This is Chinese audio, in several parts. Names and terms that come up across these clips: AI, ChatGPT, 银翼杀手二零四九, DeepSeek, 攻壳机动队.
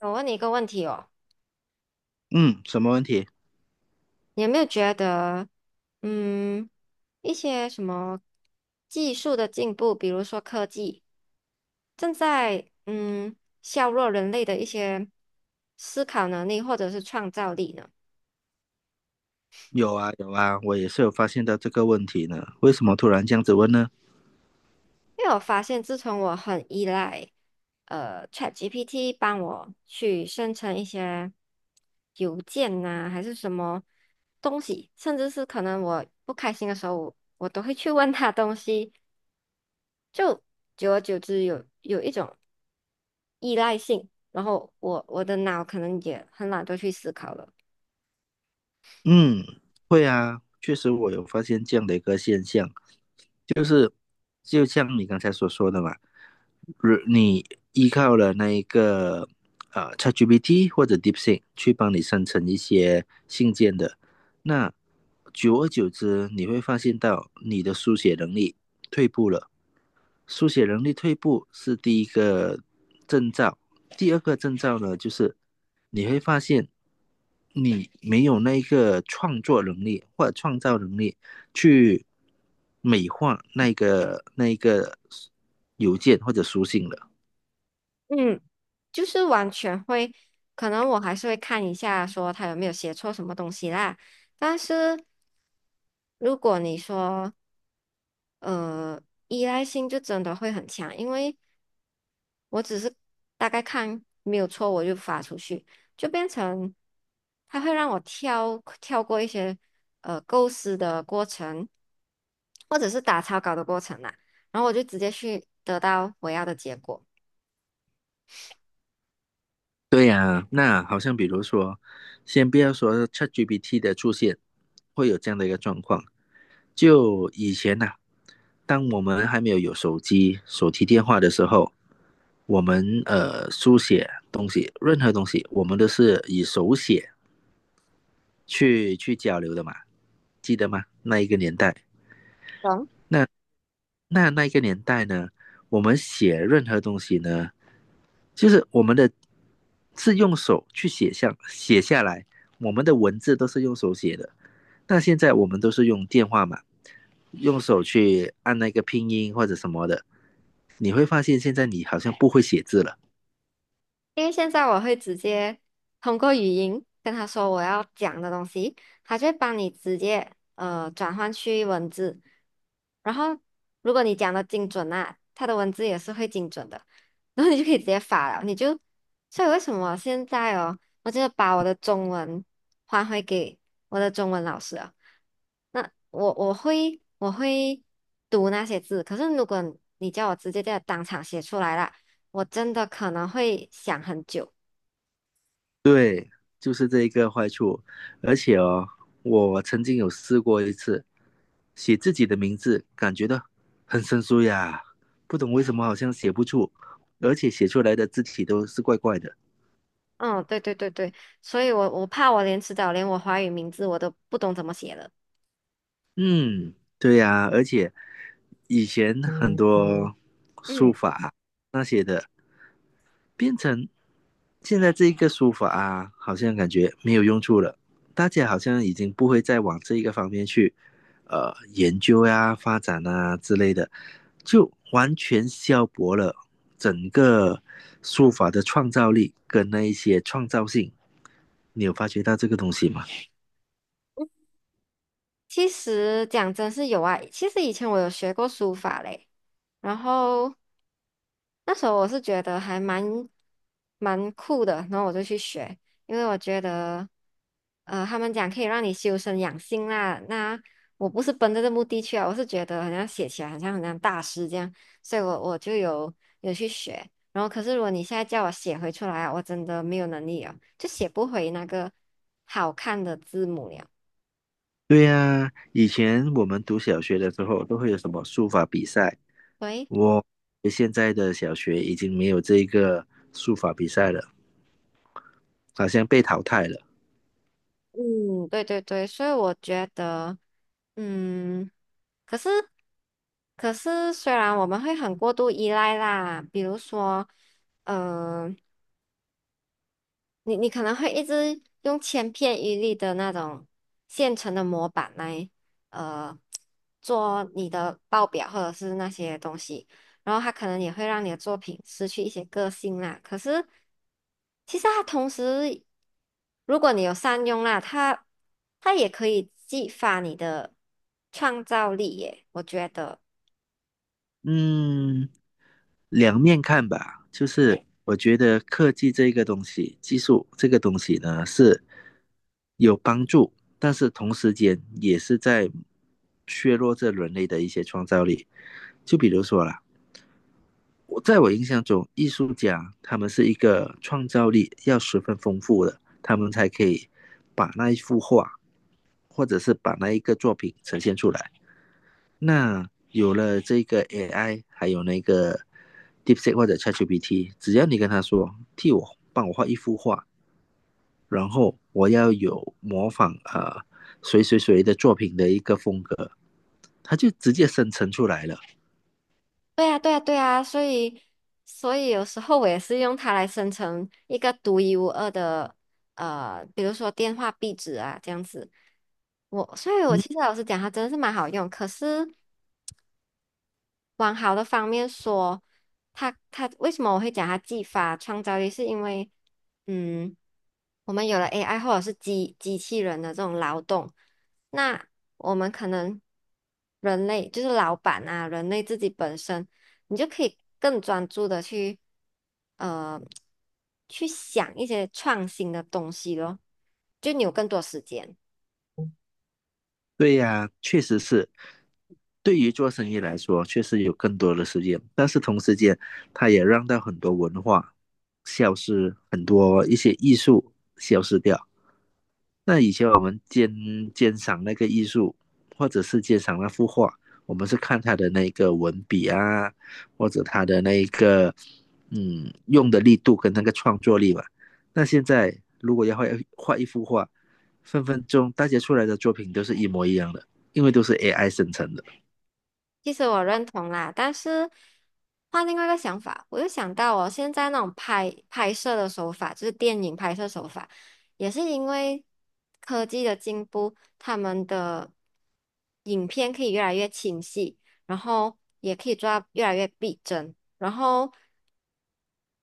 我问你一个问题哦，嗯，什么问题？你有没有觉得，嗯，一些什么技术的进步，比如说科技，正在削弱人类的一些思考能力或者是创造力呢？有啊，有啊，我也是有发现到这个问题呢。为什么突然这样子问呢？因为我发现，自从我很依赖ChatGPT 帮我去生成一些邮件呐、还是什么东西，甚至是可能我不开心的时候，我都会去问他东西。就久而久之有一种依赖性，然后我的脑可能也很懒得去思考了。嗯，会啊，确实我有发现这样的一个现象，就像你刚才所说的嘛，如你依靠了那一个ChatGPT 或者 DeepSeek 去帮你生成一些信件的，那久而久之，你会发现到你的书写能力退步了。书写能力退步是第一个征兆，第二个征兆呢，就是你会发现你没有那个创作能力或者创造能力去美化那个邮件或者书信了。嗯，就是完全会，可能我还是会看一下说他有没有写错什么东西啦，但是如果你说呃依赖性就真的会很强，因为我只是大概看没有错，我就发出去，就变成它会让我跳过一些构思的过程，或者是打草稿的过程啦、然后我就直接去得到我要的结果。对呀，那好像比如说，先不要说 ChatGPT 的出现会有这样的一个状况，就以前呐、当我们还没有手机、手提电话的时候，我们书写东西，任何东西，我们都是以手写去交流的嘛，记得吗？那一个年代，懂。那那一个年代呢，我们写任何东西呢，就是我们的是用手去写下来，我们的文字都是用手写的。那现在我们都是用电话嘛，用手去按那个拼音或者什么的，你会发现现在你好像不会写字了。因为现在我会直接通过语音跟他说我要讲的东西，他就会帮你直接转换去文字，然后如果你讲的精准啊，他的文字也是会精准的，然后你就可以直接发了，你就，所以为什么现在哦，我就把我的中文还回给我的中文老师啊，那我会读那些字，可是如果你叫我直接在当场写出来啦。我真的可能会想很久。对，就是这一个坏处。而且哦，我曾经有试过一次，写自己的名字，感觉到很生疏呀，不懂为什么好像写不出，而且写出来的字体都是怪怪的。嗯，对对对对，所以我怕我连迟早连我华语名字我都不懂怎么写了。嗯，对呀，而且以前很多书嗯，法啊那些的，变成现在这一个书法啊，好像感觉没有用处了，大家好像已经不会再往这一个方面去研究呀、发展啊之类的，就完全消薄了整个书法的创造力跟那一些创造性。你有发觉到这个东西吗？其实讲真是有啊，其实以前我有学过书法嘞，然后那时候我是觉得还蛮酷的，然后我就去学，因为我觉得，呃，他们讲可以让你修身养性啦。那我不是奔着这目的去啊，我是觉得好像写起来好像很像大师这样，所以我就有去学。然后可是如果你现在叫我写回出来啊，我真的没有能力啊，就写不回那个好看的字母了。对呀、以前我们读小学的时候都会有什么书法比赛，喂。我现在的小学已经没有这个书法比赛了。好像被淘汰了。嗯，对对对，所以我觉得，嗯，可是，可是，虽然我们会很过度依赖啦，比如说，呃你可能会一直用千篇一律的那种现成的模板来，呃，做你的报表或者是那些东西，然后它可能也会让你的作品失去一些个性啦。可是，其实它同时，如果你有善用啦，它也可以激发你的创造力耶，我觉得。嗯，两面看吧，就是我觉得科技这个东西，技术这个东西呢是有帮助，但是同时间也是在削弱这人类的一些创造力。就比如说啦，我在我印象中，艺术家他们是一个创造力要十分丰富的，他们才可以把那一幅画，或者是把那一个作品呈现出来。那有了这个 AI，还有那个 DeepSeek 或者 ChatGPT，只要你跟他说替我帮我画一幅画，然后我要有模仿谁谁谁的作品的一个风格，他就直接生成出来了。对呀，对呀，对呀，所以，所以有时候我也是用它来生成一个独一无二的，呃，比如说电话壁纸啊，这样子。我，所以我嗯，其实老实讲，它真的是蛮好用。可是往好的方面说，他为什么我会讲他技法创造力，是因为嗯，我们有了 AI 或者是机器人的这种劳动，那我们可能人类就是老板啊，人类自己本身，你就可以更专注的去呃去想一些创新的东西咯，就你有更多时间。对呀、啊确实是。对于做生意来说，确实有更多的时间，但是同时间，它也让到很多文化消失，很多一些艺术消失掉。那以前我们鉴赏那个艺术，或者是鉴赏那幅画，我们是看他的那个文笔啊，或者他的那个用的力度跟那个创作力吧。那现在如果要画一幅画，分分钟大家出来的作品都是一模一样的，因为都是 AI 生成的。其实我认同啦，但是换另外一个想法，我又想到哦，现在那种拍摄的手法，就是电影拍摄手法，也是因为科技的进步，他们的影片可以越来越清晰，然后也可以做到越来越逼真，然后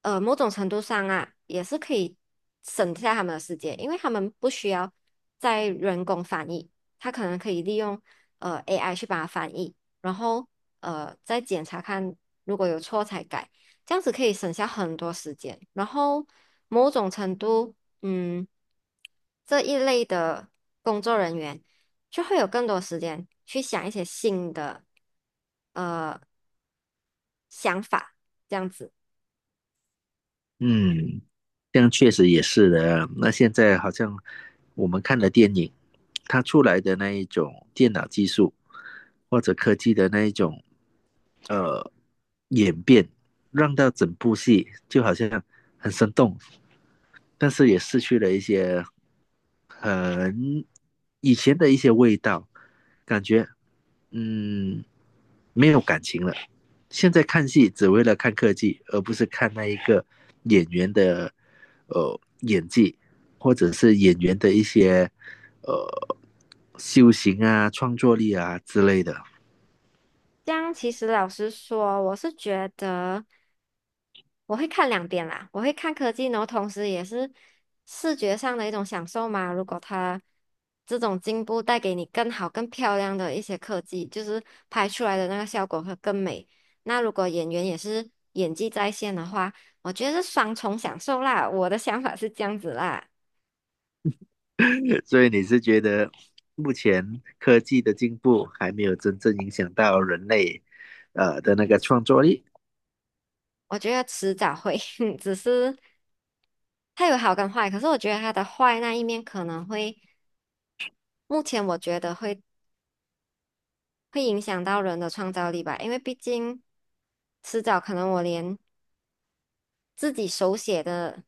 呃，某种程度上啊，也是可以省下他们的时间，因为他们不需要再人工翻译，他可能可以利用AI 去把它翻译，然后再检查看如果有错才改，这样子可以省下很多时间。然后某种程度，嗯，这一类的工作人员就会有更多时间去想一些新的呃想法，这样子。嗯，这样确实也是的啊，那现在好像我们看的电影，它出来的那一种电脑技术或者科技的那一种呃演变，让到整部戏就好像很生动，但是也失去了一些很以前的一些味道，感觉嗯，没有感情了。现在看戏只为了看科技，而不是看那一个演员的演技，或者是演员的一些呃修行啊、创作力啊之类的。这样其实老实说，我是觉得我会看两边啦，我会看科技，然后同时也是视觉上的一种享受嘛。如果它这种进步带给你更好、更漂亮的一些科技，就是拍出来的那个效果会更美。那如果演员也是演技在线的话，我觉得是双重享受啦。我的想法是这样子啦，所以你是觉得目前科技的进步还没有真正影响到人类的那个创作力？我觉得迟早会，只是它有好跟坏。可是我觉得它的坏那一面可能会，目前我觉得会。会影响到人的创造力吧，因为毕竟迟早可能我连自己手写的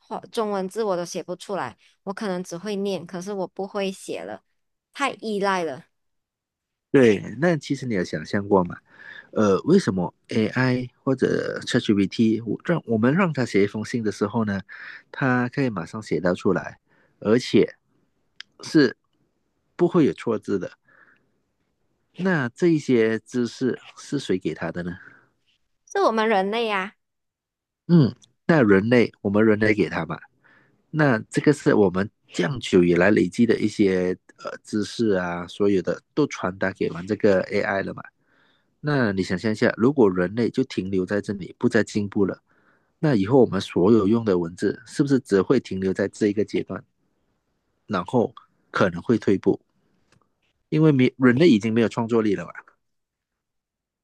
话中文字我都写不出来，我可能只会念，可是我不会写了，太依赖了，对，那其实你有想象过吗？呃，为什么 AI 或者 ChatGPT 我让我们让它写一封信的时候呢，它可以马上写到出来，而且是不会有错字的。那这一些知识是谁给他的呢？是我们人类呀、嗯，那人类，我们人类给他嘛。那这个是我们这样久以来累积的一些知识啊，所有的都传达给完这个 AI 了嘛。那你想象一下，如果人类就停留在这里，不再进步了，那以后我们所有用的文字是不是只会停留在这一个阶段，然后可能会退步，因为没人类已经没有创作力了嘛？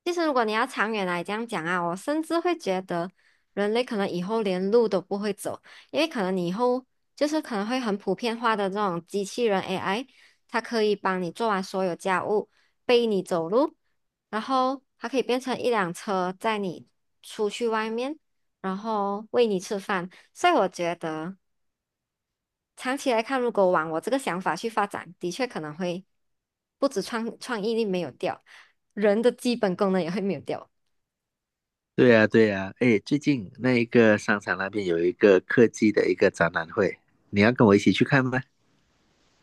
其实，如果你要长远来这样讲啊，我甚至会觉得人类可能以后连路都不会走，因为可能你以后就是可能会很普遍化的这种机器人 AI，它可以帮你做完所有家务，背你走路，然后它可以变成一辆车载你出去外面，然后喂你吃饭。所以我觉得长期来看，如果往我这个想法去发展，的确可能会不止创意力没有掉，人的基本功能也会没有掉。对呀、对呀、哎，最近那一个商场那边有一个科技的一个展览会，你要跟我一起去看吗？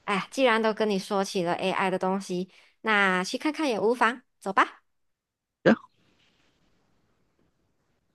哎，既然都跟你说起了 AI 的东西，那去看看也无妨，走吧。啊，